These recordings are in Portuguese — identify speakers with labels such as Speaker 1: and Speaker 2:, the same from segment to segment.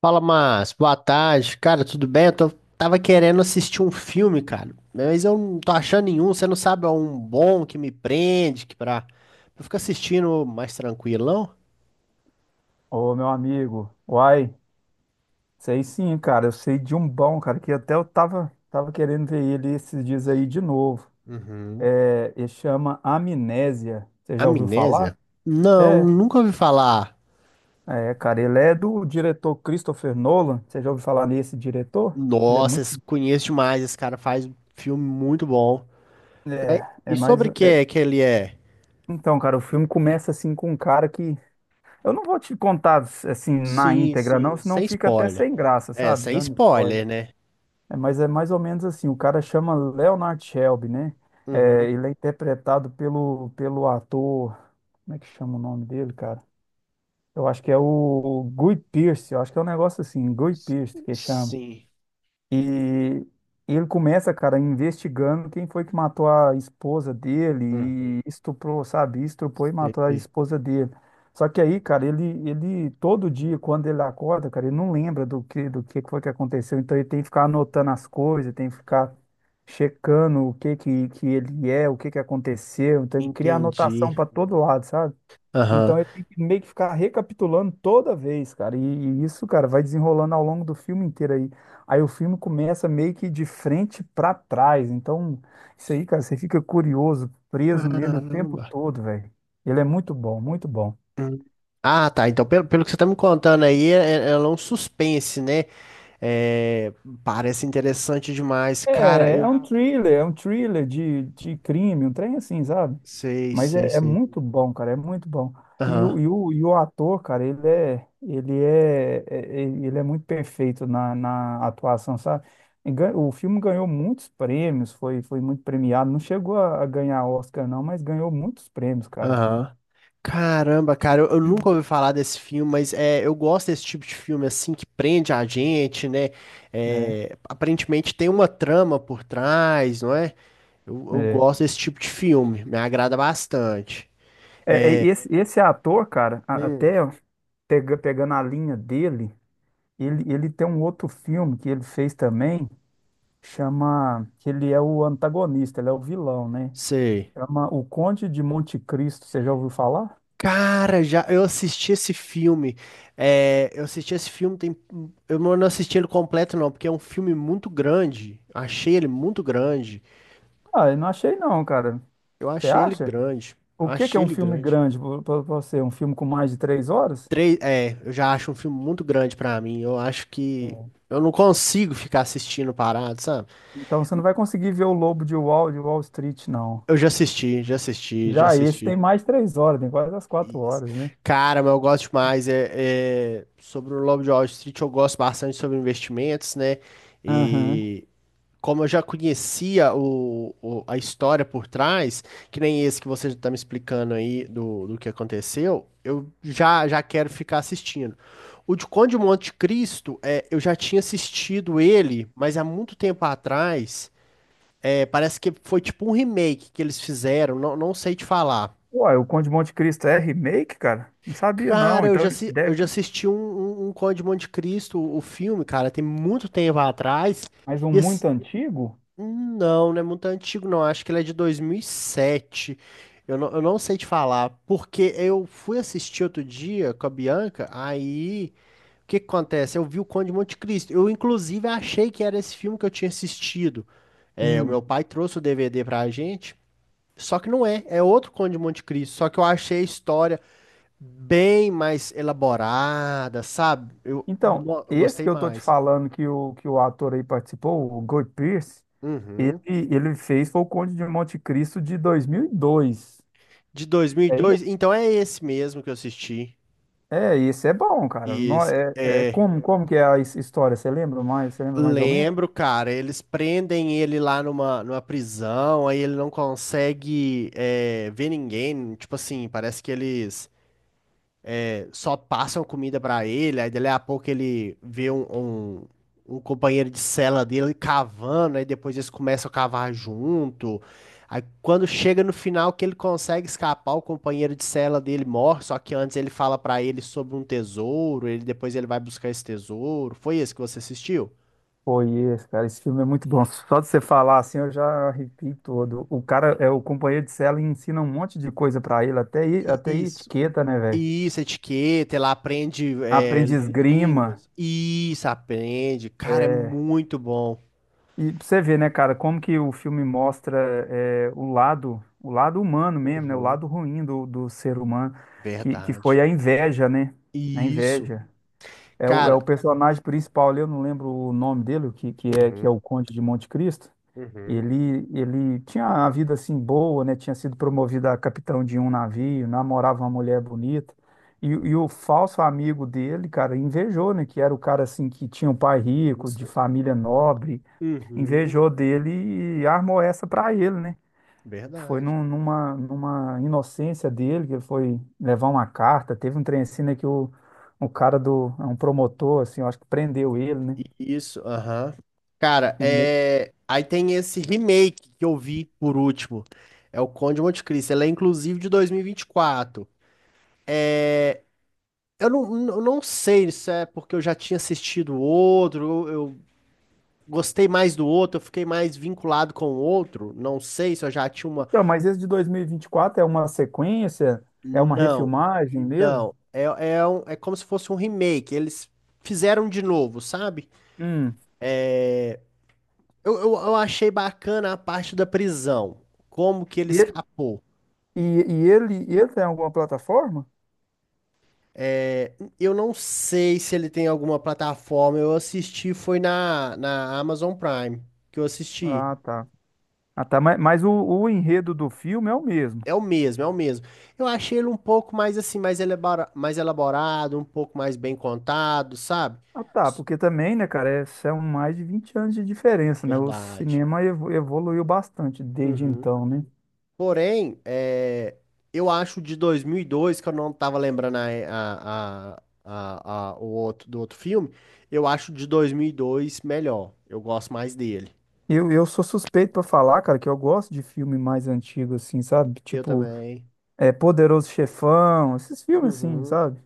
Speaker 1: Fala, Márcio. Boa tarde. Cara, tudo bem? Tava querendo assistir um filme, cara, mas eu não tô achando nenhum. Você não sabe é um bom que me prende, que pra eu ficar assistindo mais tranquilão?
Speaker 2: Ô, meu amigo, uai, sei sim, cara, eu sei de um bom, cara, que até eu tava querendo ver ele esses dias aí de novo.
Speaker 1: Uhum.
Speaker 2: É, ele chama Amnésia, você já ouviu falar?
Speaker 1: Amnésia? Não,
Speaker 2: É,
Speaker 1: nunca ouvi falar.
Speaker 2: é, cara, ele é do diretor Christopher Nolan, você já ouviu falar nesse diretor? Ele é
Speaker 1: Nossa,
Speaker 2: muito,
Speaker 1: conheço demais. Esse cara faz um filme muito bom.
Speaker 2: é, é
Speaker 1: E
Speaker 2: mais,
Speaker 1: sobre o que
Speaker 2: é-
Speaker 1: é que ele é?
Speaker 2: Então, cara, o filme começa assim com um cara que, eu não vou te contar assim na
Speaker 1: Sim,
Speaker 2: íntegra não,
Speaker 1: sim,
Speaker 2: senão
Speaker 1: sem
Speaker 2: fica até
Speaker 1: spoiler.
Speaker 2: sem graça,
Speaker 1: É,
Speaker 2: sabe,
Speaker 1: sem
Speaker 2: dando spoiler.
Speaker 1: spoiler, né?
Speaker 2: É, mas é mais ou menos assim, o cara chama Leonard Shelby, né? É,
Speaker 1: Uhum.
Speaker 2: ele é interpretado pelo ator, como é que chama o nome dele, cara? Eu acho que é o Guy Pearce, eu acho que é um negócio assim, Guy Pearce que chama.
Speaker 1: Sim.
Speaker 2: E, e ele começa, cara, investigando quem foi que matou a esposa dele
Speaker 1: Uhum.
Speaker 2: e estuprou, sabe? Estuprou e matou a
Speaker 1: Sei.
Speaker 2: esposa dele. Só que aí, cara, ele todo dia, quando ele acorda, cara, ele não lembra do que foi que aconteceu. Então ele tem que ficar anotando as coisas, tem que ficar checando o que que aconteceu. Então ele cria anotação
Speaker 1: Entendi.
Speaker 2: para todo lado, sabe? Então
Speaker 1: Aham.
Speaker 2: ele tem que meio que ficar recapitulando toda vez, cara. E isso, cara, vai desenrolando ao longo do filme inteiro aí. Aí o filme começa meio que de frente pra trás. Então, isso aí, cara, você fica curioso, preso nele o tempo
Speaker 1: Caramba.
Speaker 2: todo, velho. Ele é muito bom, muito bom.
Speaker 1: Hum. Ah, tá. Então, pelo que você tá me contando aí, ela é um suspense, né? É, parece interessante demais. Cara,
Speaker 2: É, é
Speaker 1: eu
Speaker 2: um thriller, é um thriller de crime, um trem assim, sabe?
Speaker 1: sei,
Speaker 2: Mas
Speaker 1: sei,
Speaker 2: é
Speaker 1: sei.
Speaker 2: muito bom, cara, é muito bom. E
Speaker 1: Aham,
Speaker 2: o, e o, e o ator, cara, ele é muito perfeito na atuação, sabe? O filme ganhou muitos prêmios, foi muito premiado. Não chegou a ganhar Oscar, não, mas ganhou muitos prêmios, cara.
Speaker 1: aham. Caramba, cara, eu nunca ouvi falar desse filme, mas é, eu gosto desse tipo de filme assim que prende a gente, né?
Speaker 2: É,
Speaker 1: É, aparentemente tem uma trama por trás, não é? Eu
Speaker 2: é.
Speaker 1: gosto desse tipo de filme, me agrada bastante.
Speaker 2: É, esse ator, cara,
Speaker 1: Hum.
Speaker 2: até pegando a linha dele, ele tem um outro filme que ele fez também. Que ele é o antagonista, ele é o vilão, né?
Speaker 1: Sei.
Speaker 2: Chama O Conde de Monte Cristo, você já ouviu falar?
Speaker 1: Cara, já eu assisti esse filme. É, eu assisti esse filme, tem, eu não assisti ele completo, não, porque é um filme muito grande. Achei ele muito grande.
Speaker 2: Ah, eu não achei não, cara.
Speaker 1: Eu
Speaker 2: Você
Speaker 1: achei ele
Speaker 2: acha?
Speaker 1: grande.
Speaker 2: O que que é
Speaker 1: Achei
Speaker 2: um
Speaker 1: ele
Speaker 2: filme
Speaker 1: grande.
Speaker 2: grande para você? Um filme com mais de 3 horas?
Speaker 1: Três, é, eu já acho um filme muito grande pra mim. Eu acho que
Speaker 2: Hum.
Speaker 1: eu não consigo ficar assistindo parado, sabe?
Speaker 2: Então você não vai conseguir ver o Lobo de Wall Street, não.
Speaker 1: Eu já assisti, já assisti, já
Speaker 2: Já esse tem
Speaker 1: assisti.
Speaker 2: mais 3 horas, tem quase as quatro
Speaker 1: Isso.
Speaker 2: horas, né?
Speaker 1: Cara, mas eu gosto demais. É, é, sobre o Lobo de Wall Street, eu gosto bastante sobre investimentos, né?
Speaker 2: Aham.
Speaker 1: E. Como eu já conhecia a história por trás, que nem esse que você está me explicando aí do que aconteceu, eu já quero ficar assistindo. O de Conde de Monte Cristo, é, eu já tinha assistido ele, mas há muito tempo atrás. É, parece que foi tipo um remake que eles fizeram, não, não sei te falar.
Speaker 2: Uai, o Conde de Monte Cristo é remake, cara? Não sabia, não.
Speaker 1: Cara,
Speaker 2: Então
Speaker 1: eu
Speaker 2: deve
Speaker 1: já
Speaker 2: que.
Speaker 1: assisti um Conde de Monte Cristo, o filme, cara, tem muito tempo atrás.
Speaker 2: Mas um
Speaker 1: E
Speaker 2: muito antigo?
Speaker 1: hum. Não, não é muito antigo, não. Acho que ele é de 2007. Eu não sei te falar, porque eu fui assistir outro dia com a Bianca, aí o que que acontece? Eu vi o Conde de Monte Cristo. Eu, inclusive, achei que era esse filme que eu tinha assistido. É, o meu
Speaker 2: Hum.
Speaker 1: pai trouxe o DVD pra gente, só que não é, é outro Conde de Monte Cristo. Só que eu achei a história bem mais elaborada, sabe? Eu,
Speaker 2: Então,
Speaker 1: no- eu
Speaker 2: esse
Speaker 1: gostei
Speaker 2: que eu tô te
Speaker 1: mais.
Speaker 2: falando que o ator aí participou, o Guy Pearce, ele,
Speaker 1: Uhum.
Speaker 2: ele fez foi o Conde de Monte Cristo de 2002.
Speaker 1: De dois. Mil e
Speaker 2: É
Speaker 1: dois,
Speaker 2: isso?
Speaker 1: então é esse mesmo que eu assisti.
Speaker 2: É, esse é bom, cara.
Speaker 1: Isso,
Speaker 2: É,
Speaker 1: é,
Speaker 2: como que é a história? Você lembra mais? Você lembra mais ou menos?
Speaker 1: lembro, cara, eles prendem ele lá numa prisão, aí ele não consegue é, ver ninguém, tipo assim, parece que eles é, só passam comida pra ele, aí dali a pouco ele vê um, um companheiro de cela dele cavando, aí depois eles começam a cavar junto, aí quando chega no final que ele consegue escapar, o companheiro de cela dele morre, só que antes ele fala pra ele sobre um tesouro, ele depois ele vai buscar esse tesouro, foi esse que você assistiu?
Speaker 2: Foi esse, cara. Esse filme é muito bom. Só de você falar assim, eu já arrepio todo. O cara, é o companheiro de cela, e ensina um monte de coisa pra ele, até, até
Speaker 1: Isso,
Speaker 2: etiqueta, né, velho?
Speaker 1: isso, etiqueta, ela aprende é,
Speaker 2: Aprende esgrima.
Speaker 1: línguas. Isso, aprende. Cara, é muito bom.
Speaker 2: E pra você ver, né, cara, como que o filme mostra o lado humano mesmo, né, o
Speaker 1: Uhum,
Speaker 2: lado ruim do ser humano, que
Speaker 1: verdade.
Speaker 2: foi a inveja, né, a
Speaker 1: Isso,
Speaker 2: inveja. É o, é
Speaker 1: cara.
Speaker 2: o personagem principal ali, eu não lembro o nome dele, o que, que é
Speaker 1: Uhum,
Speaker 2: o Conde de Monte Cristo.
Speaker 1: uhum,
Speaker 2: Ele tinha a vida assim boa, né, tinha sido promovido a capitão de um navio, namorava uma mulher bonita. E o falso amigo dele, cara, invejou, né, que era o cara assim que tinha um pai rico, de
Speaker 1: isso.
Speaker 2: família nobre
Speaker 1: Uhum,
Speaker 2: invejou dele e armou essa pra ele, né? Foi
Speaker 1: verdade.
Speaker 2: numa inocência dele que ele foi levar uma carta. Teve um trem assim, né, que o cara é um promotor, assim, eu acho que prendeu ele, né?
Speaker 1: Isso, aham. Cara,
Speaker 2: E me-
Speaker 1: é aí tem esse remake que eu vi por último. É o Conde de Monte Cristo. Ela é inclusive de 2024. Eu não, não sei se é porque eu já tinha assistido outro, eu gostei mais do outro, eu fiquei mais vinculado com o outro, não sei se eu já tinha uma.
Speaker 2: Então, mas esse de 2024 é uma sequência? É uma
Speaker 1: Não,
Speaker 2: refilmagem mesmo?
Speaker 1: não. É, é, é como se fosse um remake, eles fizeram de novo, sabe?
Speaker 2: Hum.
Speaker 1: Eu achei bacana a parte da prisão, como que ele
Speaker 2: E,
Speaker 1: escapou.
Speaker 2: e ele tem alguma plataforma?
Speaker 1: É, eu não sei se ele tem alguma plataforma, eu assisti, foi na Amazon Prime que eu assisti.
Speaker 2: Ah, tá. Ah, tá. Mas o enredo do filme é o mesmo.
Speaker 1: É o mesmo, é o mesmo. Eu achei ele um pouco mais assim, mais elaborado, um pouco mais bem contado, sabe?
Speaker 2: Ah, tá,
Speaker 1: S-
Speaker 2: porque também, né, cara, são mais de 20 anos de diferença, né? O
Speaker 1: Verdade.
Speaker 2: cinema evoluiu bastante desde
Speaker 1: Uhum.
Speaker 2: então, né?
Speaker 1: Porém, é, eu acho o de 2002, que eu não tava lembrando o outro, do outro filme, eu acho o de 2002 melhor. Eu gosto mais dele.
Speaker 2: Eu sou suspeito pra falar, cara, que eu gosto de filme mais antigo, assim, sabe?
Speaker 1: Eu
Speaker 2: Tipo,
Speaker 1: também.
Speaker 2: Poderoso Chefão, esses filmes, assim,
Speaker 1: Uhum.
Speaker 2: sabe?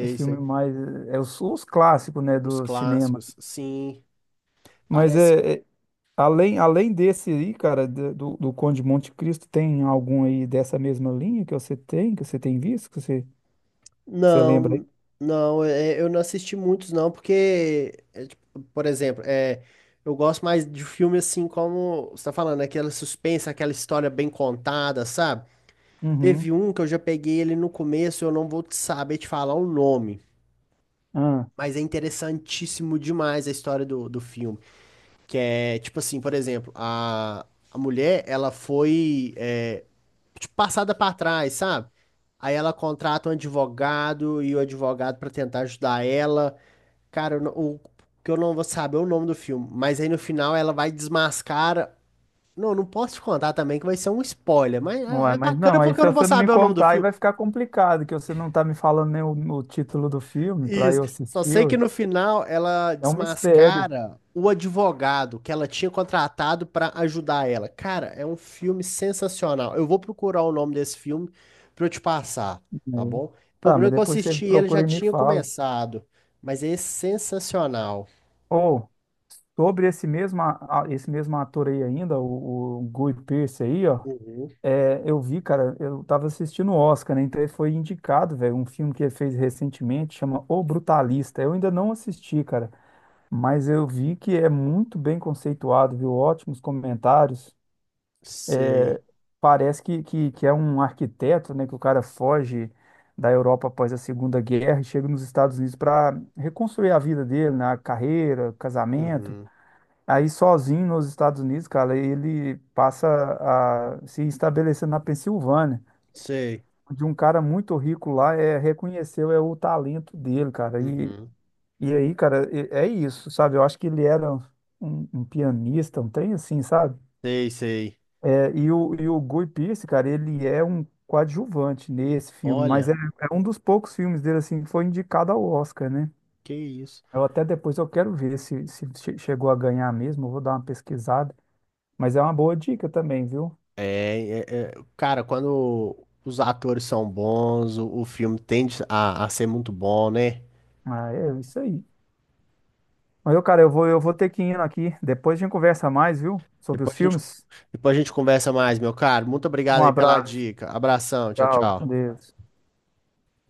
Speaker 2: Esse filme
Speaker 1: sei.
Speaker 2: mais. É os clássicos, né,
Speaker 1: Os
Speaker 2: do cinema.
Speaker 1: clássicos, sim.
Speaker 2: Mas
Speaker 1: Parece
Speaker 2: é, além desse aí, cara, do Conde de Monte Cristo, tem algum aí dessa mesma linha que você tem visto, que você lembra aí?
Speaker 1: não, não, eu não assisti muitos não, porque, é, tipo, por exemplo, é, eu gosto mais de filme assim como você tá falando, aquela suspense, aquela história bem contada, sabe?
Speaker 2: Uhum.
Speaker 1: Teve um que eu já peguei ele no começo, eu não vou te saber te falar o nome,
Speaker 2: Ah.
Speaker 1: mas é interessantíssimo demais a história do filme, que é, tipo assim, por exemplo, a mulher, ela foi, é, tipo, passada pra trás, sabe? Aí ela contrata um advogado e o advogado pra tentar ajudar ela. Cara, eu não- o que eu não vou saber é o nome do filme, mas aí no final ela vai desmascar. Não, não posso te contar também que vai ser um spoiler, mas é
Speaker 2: Ué,
Speaker 1: é
Speaker 2: mas
Speaker 1: bacana
Speaker 2: não, aí
Speaker 1: porque eu
Speaker 2: se
Speaker 1: não vou
Speaker 2: você não me
Speaker 1: saber o nome do
Speaker 2: contar, aí
Speaker 1: filme.
Speaker 2: vai ficar complicado, que você não tá me falando nem o título do filme pra
Speaker 1: Isso.
Speaker 2: eu
Speaker 1: Só
Speaker 2: assistir,
Speaker 1: sei que
Speaker 2: ué.
Speaker 1: no final ela
Speaker 2: É um mistério,
Speaker 1: desmascara o advogado que ela tinha contratado pra ajudar ela. Cara, é um filme sensacional. Eu vou procurar o nome desse filme pra eu te passar, tá
Speaker 2: né?
Speaker 1: bom? O
Speaker 2: Tá,
Speaker 1: problema
Speaker 2: mas
Speaker 1: é que eu
Speaker 2: depois você
Speaker 1: assisti ele já
Speaker 2: procura e me
Speaker 1: tinha
Speaker 2: fala.
Speaker 1: começado, mas é sensacional.
Speaker 2: Ou, sobre esse mesmo, esse mesmo ator aí ainda, o Guy Pearce aí, ó,
Speaker 1: Uhum.
Speaker 2: eu vi, cara, eu tava assistindo o Oscar, né, então ele foi indicado, velho, um filme que ele fez recentemente, chama O Brutalista, eu ainda não assisti, cara, mas eu vi que é muito bem conceituado, viu, ótimos comentários,
Speaker 1: Sei.
Speaker 2: parece que é um arquiteto, né, que o cara foge da Europa após a Segunda Guerra e chega nos Estados Unidos para reconstruir a vida dele, né, a carreira, casamento.
Speaker 1: Uhum.
Speaker 2: Aí sozinho nos Estados Unidos, cara, ele passa a se estabelecer na Pensilvânia,
Speaker 1: Sei.
Speaker 2: onde um cara muito rico lá reconheceu o talento dele, cara. E,
Speaker 1: Uhum.
Speaker 2: e aí, cara, é isso, sabe? Eu acho que ele era um pianista, um trem assim, sabe?
Speaker 1: Sei, sei.
Speaker 2: E o Guy Pearce, cara, ele é um coadjuvante nesse filme, mas é,
Speaker 1: Olha,
Speaker 2: é um dos poucos filmes dele, assim, que foi indicado ao Oscar, né?
Speaker 1: que isso.
Speaker 2: Eu até depois eu quero ver se chegou a ganhar mesmo, eu vou dar uma pesquisada, mas é uma boa dica também, viu?
Speaker 1: É, cara, quando os atores são bons, o filme tende a ser muito bom, né?
Speaker 2: Ah, é isso aí. Mas, cara, eu vou ter que ir aqui, depois a gente conversa mais, viu? Sobre
Speaker 1: Depois
Speaker 2: os
Speaker 1: a gente,
Speaker 2: filmes.
Speaker 1: depois a gente conversa mais, meu caro. Muito
Speaker 2: Um
Speaker 1: obrigado aí pela
Speaker 2: abraço,
Speaker 1: dica. Abração, tchau,
Speaker 2: tchau, com
Speaker 1: tchau.
Speaker 2: Deus.